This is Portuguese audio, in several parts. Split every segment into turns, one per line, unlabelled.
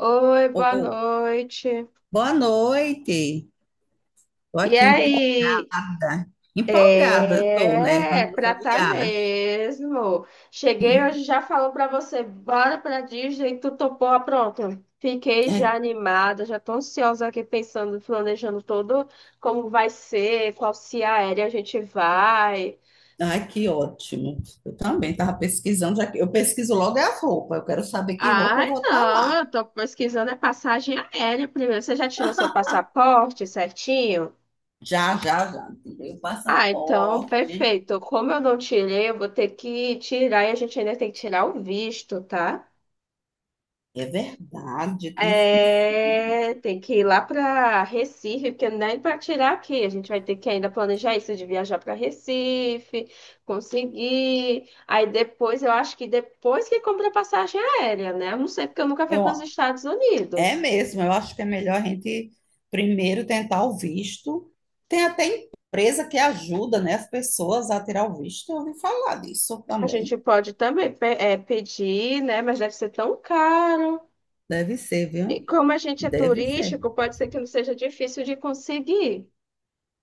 Oi, boa
Ô,
noite.
boa noite. Tô
E
aqui empolgada.
aí?
Empolgada eu tô, né, com a
É, pra
nossa
tá
viagem.
mesmo. Cheguei hoje, já falou pra você, bora pra Disney, tu topou, ah, pronto. Fiquei já
É,
animada, já tô ansiosa aqui pensando, planejando todo como vai ser, qual se aérea a gente vai.
ai, que ótimo. Eu também tava pesquisando, já que eu pesquiso logo é a roupa. Eu quero saber que roupa eu
Ai,
vou estar
não,
lá.
eu tô pesquisando é passagem aérea primeiro. Você já tirou seu passaporte certinho?
Já, já, já. Tirei o
Ah, então,
passaporte.
perfeito. Como eu não tirei, eu vou ter que tirar e a gente ainda tem que tirar o visto, tá?
É verdade, eu tinha esquecido.
É, tem que ir lá para Recife, porque nem para tirar aqui. A gente vai ter que ainda planejar isso de viajar para Recife, conseguir. Aí depois, eu acho que depois que compra a passagem aérea, né? Eu não sei, porque eu nunca fui para os
Eu,
Estados
É
Unidos.
mesmo, eu acho que é melhor a gente primeiro tentar o visto. Tem até empresa que ajuda, né, as pessoas a tirar o visto. Eu ouvi falar disso
A gente
também.
pode também pedir, né? Mas deve ser tão caro.
Deve ser,
E
viu?
como a gente é
Deve ser.
turístico, pode ser que não seja difícil de conseguir,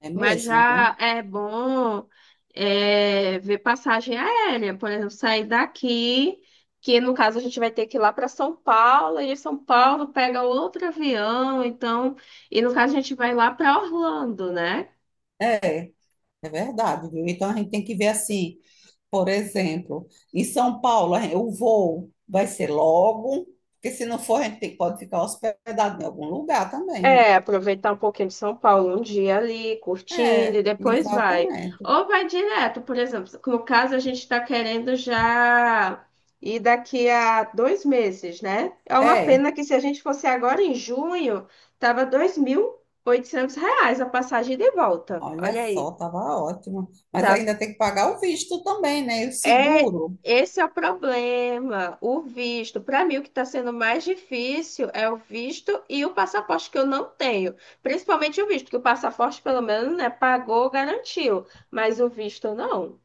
É
mas
mesmo,
já
viu?
é bom ver passagem aérea, por exemplo, sair daqui, que no caso a gente vai ter que ir lá para São Paulo, e de São Paulo pega outro avião, então, e no caso a gente vai lá para Orlando, né?
É, é verdade, viu? Então a gente tem que ver assim, por exemplo, em São Paulo, o voo vai ser logo, porque se não for, a gente pode ficar hospedado em algum lugar também, né?
É, aproveitar um pouquinho de São Paulo, um dia ali, curtindo,
É,
e depois vai.
exatamente.
Ou vai direto, por exemplo, no caso a gente está querendo já ir daqui a 2 meses, né? É uma
É,
pena que se a gente fosse agora em junho, tava R$ 2.800 a passagem de volta.
olha
Olha
só,
aí,
tava ótimo. Mas
tá.
ainda tem que pagar o visto também, né? E o
é,
seguro.
Esse é o problema, o visto. Para mim, o que está sendo mais difícil é o visto e o passaporte que eu não tenho. Principalmente o visto, que o passaporte, pelo menos, né, pagou, garantiu. Mas o visto não.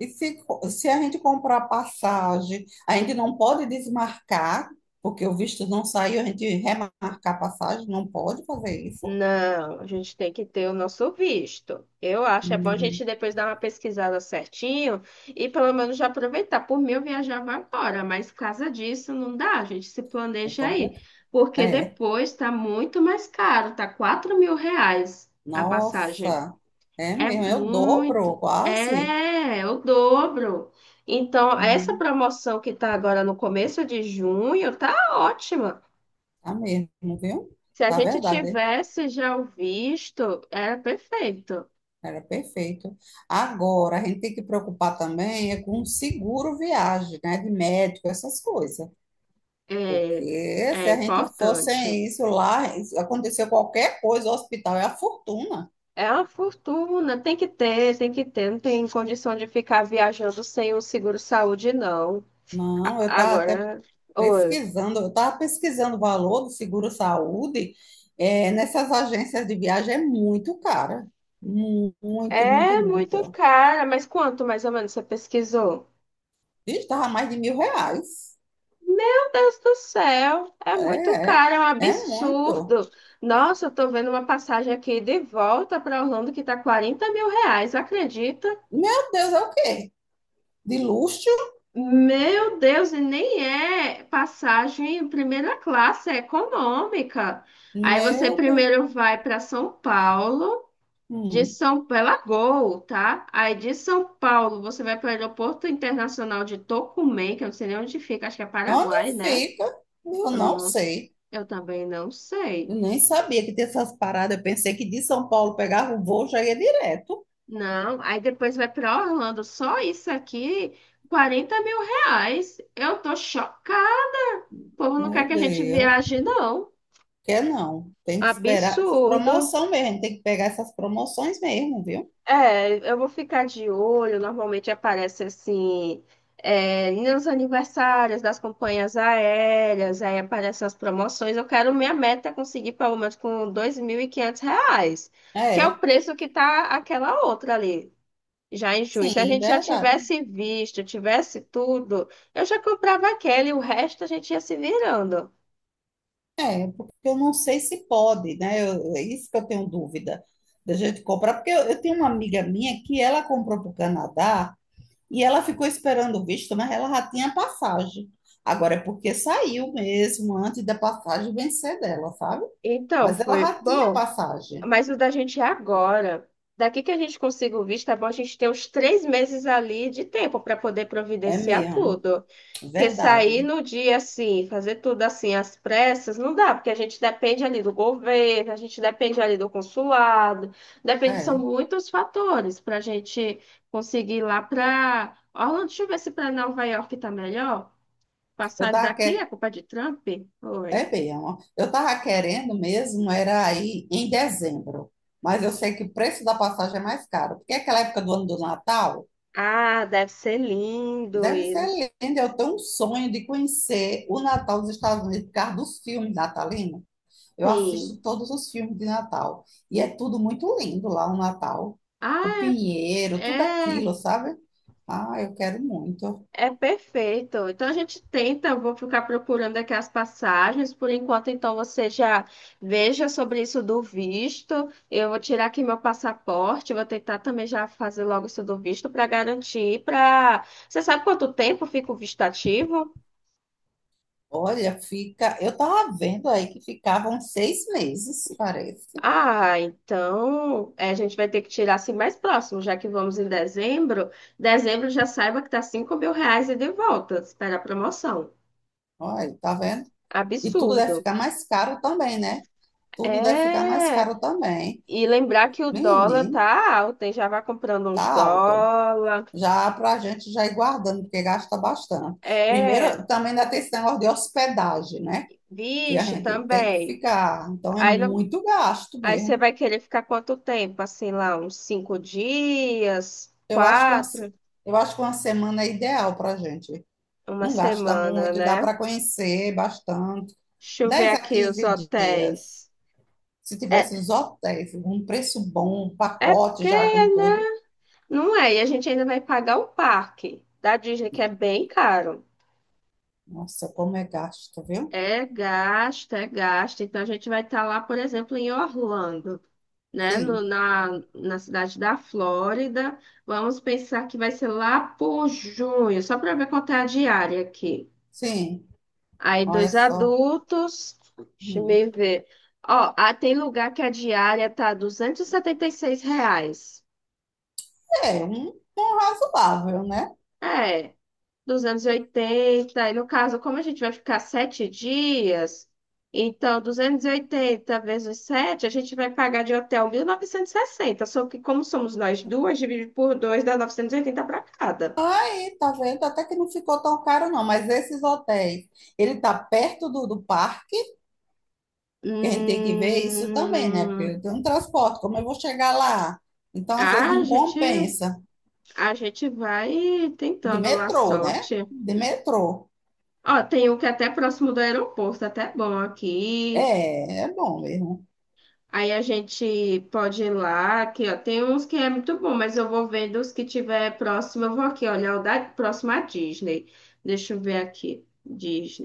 E se a gente comprar passagem, a gente não pode desmarcar, porque o visto não saiu, a gente remarcar a passagem, não pode fazer isso.
Não, a gente tem que ter o nosso visto. Eu acho, é bom a
Hum,
gente depois dar uma pesquisada certinho e pelo menos já aproveitar. Por mim, eu viajava agora, mas por causa disso não dá, a gente se
É
planeja aí.
complicado.
Porque
É.
depois tá muito mais caro, tá R$ 4.000 a passagem.
Nossa, é
É
mesmo, é o dobro,
muito,
quase.
o dobro. Então, essa
Hum,
promoção que tá agora no começo de junho tá ótima.
tá mesmo, viu?
Se a
Tá
gente
verdade.
tivesse já o visto, era perfeito.
Era perfeito. Agora, a gente tem que preocupar também é com seguro viagem, né? De médico, essas coisas.
É,
Porque se
é
a gente for
importante.
sem isso lá, aconteceu qualquer coisa, o hospital é a fortuna.
É uma fortuna, tem que ter, tem que ter. Não tem condição de ficar viajando sem o seguro-saúde, não.
Não, eu estava até
Agora, oi.
pesquisando, eu estava pesquisando o valor do seguro-saúde, nessas agências de viagem é muito cara. Muito, muito,
É muito
muito.
cara, mas quanto mais ou menos você pesquisou?
Estava mais de R$ 1.000.
Meu Deus do céu, é muito
É, é,
caro, é um
é muito.
absurdo. Nossa, eu tô vendo uma passagem aqui de volta para Orlando que tá R$ 40.000, acredita?
Meu Deus, é o quê? De luxo?
Meu Deus, e nem é passagem em primeira classe, é econômica. Aí você
Meu Deus.
primeiro vai para São Paulo, de
Hum.
São pela Gol, tá? Aí de São Paulo você vai para o Aeroporto Internacional de Tocumen, que eu não sei nem onde fica, acho que é
Onde
Paraguai, né?
fica? Eu
Eu
não
não,
sei.
eu também não
Eu
sei.
nem sabia que tinha essas paradas. Eu pensei que de São Paulo pegava o voo já ia direto.
Não, aí depois vai para Orlando, só isso aqui, R$ 40.000. Eu tô chocada. O povo não quer
Meu
que a gente
Deus.
viaje, não.
Quer não? Tem que esperar essas
Absurdo.
promoção mesmo. A gente tem que pegar essas promoções mesmo, viu?
É, eu vou ficar de olho. Normalmente aparece assim, nos aniversários das companhias aéreas, aí aparecem as promoções. Eu quero minha meta é conseguir pelo menos com R$ 2.500, que é o
É,
preço que tá aquela outra ali, já em junho. Se a
sim,
gente já
verdade.
tivesse visto, tivesse tudo, eu já comprava aquela e o resto a gente ia se virando.
Eu não sei se pode, né? É isso que eu tenho dúvida da gente comprar, porque eu tenho uma amiga minha que ela comprou para o Canadá e ela ficou esperando o visto, mas ela já tinha passagem. Agora é porque saiu mesmo antes da passagem vencer dela, sabe?
Então,
Mas ela
foi
já tinha
bom.
passagem.
Mas o da gente é agora. Daqui que a gente consiga o visto, é bom a gente ter uns 3 meses ali de tempo para poder
É
providenciar
mesmo,
tudo. Porque sair
verdade.
no dia assim, fazer tudo assim às pressas, não dá, porque a gente depende ali do governo, a gente depende ali do consulado, depende, são
É,
muitos fatores para a gente conseguir ir lá para. Orlando, deixa eu ver se para Nova York tá melhor.
eu
Passagem
tava
daqui é
que...
culpa de Trump? Oi.
é mesmo. Eu tava querendo mesmo era aí em dezembro, mas eu sei que o preço da passagem é mais caro, porque aquela época do ano do Natal
Ah, deve ser lindo.
deve ser
E.
linda. Eu tenho um sonho de conhecer o Natal dos Estados Unidos por causa dos filmes natalinos. Eu assisto
Sim.
todos os filmes de Natal e é tudo muito lindo lá o Natal, o
Ah,
pinheiro, tudo
é,
aquilo, sabe? Ah, eu quero muito.
é perfeito. Então a gente tenta, eu vou ficar procurando aqui as passagens. Por enquanto, então você já veja sobre isso do visto. Eu vou tirar aqui meu passaporte, vou tentar também já fazer logo isso do visto para garantir para. Você sabe quanto tempo fica o visto ativo?
Olha, fica. Eu tava vendo aí que ficavam 6 meses, parece.
Ah, então a gente vai ter que tirar assim mais próximo, já que vamos em dezembro. Dezembro já saiba que tá R$ 5.000 e de volta. Espera a promoção.
Olha, tá vendo? E tudo deve
Absurdo.
ficar mais caro também, né? Tudo deve ficar mais
É,
caro também.
e lembrar que o dólar
Menino,
tá alto, hein? Já vai comprando
tá
uns
alto.
dólar.
Já pra gente já ir guardando, porque gasta bastante.
É,
Primeiro, também ainda tem esse negócio de hospedagem, né? Que a
vixe,
gente tem que
também.
ficar. Então é
Aí, não,
muito gasto
aí você
mesmo.
vai querer ficar quanto tempo? Assim, lá, uns 5 dias,
Eu acho que
quatro,
uma semana é ideal pra gente.
uma
Não gasta
semana,
muito, dá
né?
para conhecer bastante.
Deixa eu ver
dez a
aqui os
quinze dias.
hotéis.
Se
É,
tivesse os hotéis, um preço bom, um
é
pacote
porque,
já com tudo.
né? Não é, e a gente ainda vai pagar o parque da Disney, que é bem caro.
Nossa, como é gasto, viu?
É gasto, é gasto. Então a gente vai estar lá, por exemplo, em Orlando, né? No-
Sim,
na, na cidade da Flórida. Vamos pensar que vai ser lá por junho, só para ver quanto é a diária aqui.
sim.
Aí
Olha
dois
só.
adultos, deixa eu
Hum.
me ver. Ó, ah, tem lugar que a diária tá R$ 276.
É, um razoável, né?
É. 280 e no caso, como a gente vai ficar 7 dias, então 280 vezes 7 a gente vai pagar de hotel 1.960 só que como somos nós duas, divide por dois, dá 980 para cada.
Aí, tá vendo? Até que não ficou tão caro, não. Mas esses hotéis, ele tá perto do parque, que a gente tem que ver isso também, né? Porque
Hum,
eu tenho um transporte, como eu vou chegar lá? Então, às vezes,
a
não
gente,
compensa.
a gente vai
De
tentando lá a
metrô, né?
sorte.
De metrô.
Ó, tem um que é até próximo do aeroporto, até bom aqui.
É, é bom mesmo.
Aí a gente pode ir lá, aqui, ó. Tem uns que é muito bom, mas eu vou vendo os que tiver próximo. Eu vou aqui olha o da próxima Disney. Deixa eu ver aqui.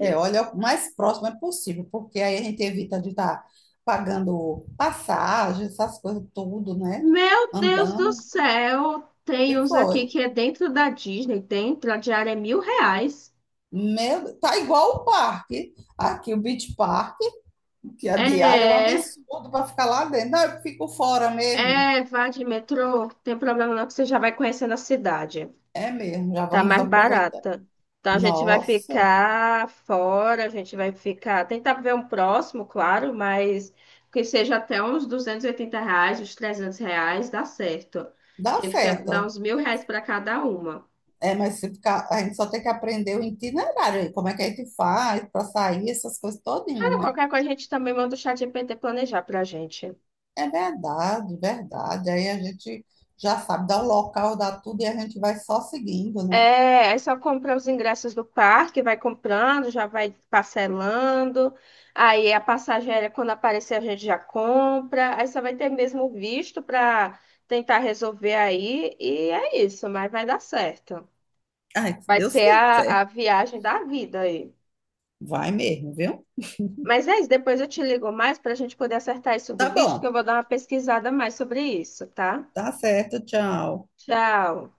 É, olha, o mais próximo é possível, porque aí a gente evita de estar pagando passagem, essas coisas tudo, né?
Meu Deus do
Andando.
céu!
E
Tem uns
foi.
aqui que é dentro da Disney, dentro, a diária é R$ 1.000.
Meu, tá igual o parque. Aqui, o Beach Park, que a diária é um
É,
absurdo para ficar lá dentro. Não, eu fico fora mesmo.
é, vá de metrô, tem problema não, que você já vai conhecendo a cidade.
É mesmo, já
Tá
vamos
mais
aproveitar.
barata. Então a gente vai
Nossa,
ficar fora, a gente vai ficar. Tentar ver um próximo, claro, mas que seja até uns R$ 280, uns R$ 300, dá certo.
dá
Que fica, dá
certo.
uns R$ 1.000 para cada uma.
É, mas se ficar, a gente só tem que aprender o itinerário aí, como é que a gente faz para sair, essas coisas todinhas,
Ah,
né?
qualquer coisa a gente também manda o chat ChatGPT planejar pra gente.
É verdade, verdade. Aí a gente já sabe, dá o local, dá tudo e a gente vai só seguindo, né?
É, aí só compra os ingressos do parque, vai comprando, já vai parcelando. Aí a passagem aérea, quando aparecer, a gente já compra. Aí só vai ter mesmo o visto para tentar resolver aí. E é isso, mas vai dar certo.
Ai, se
Vai
Deus
ser a
quiser,
viagem da vida aí.
vai mesmo, viu?
Mas é isso, depois eu te ligo mais para a gente poder acertar isso
Tá
do visto, que eu
bom,
vou dar uma pesquisada mais sobre isso, tá?
tá certo, tchau.
Tchau.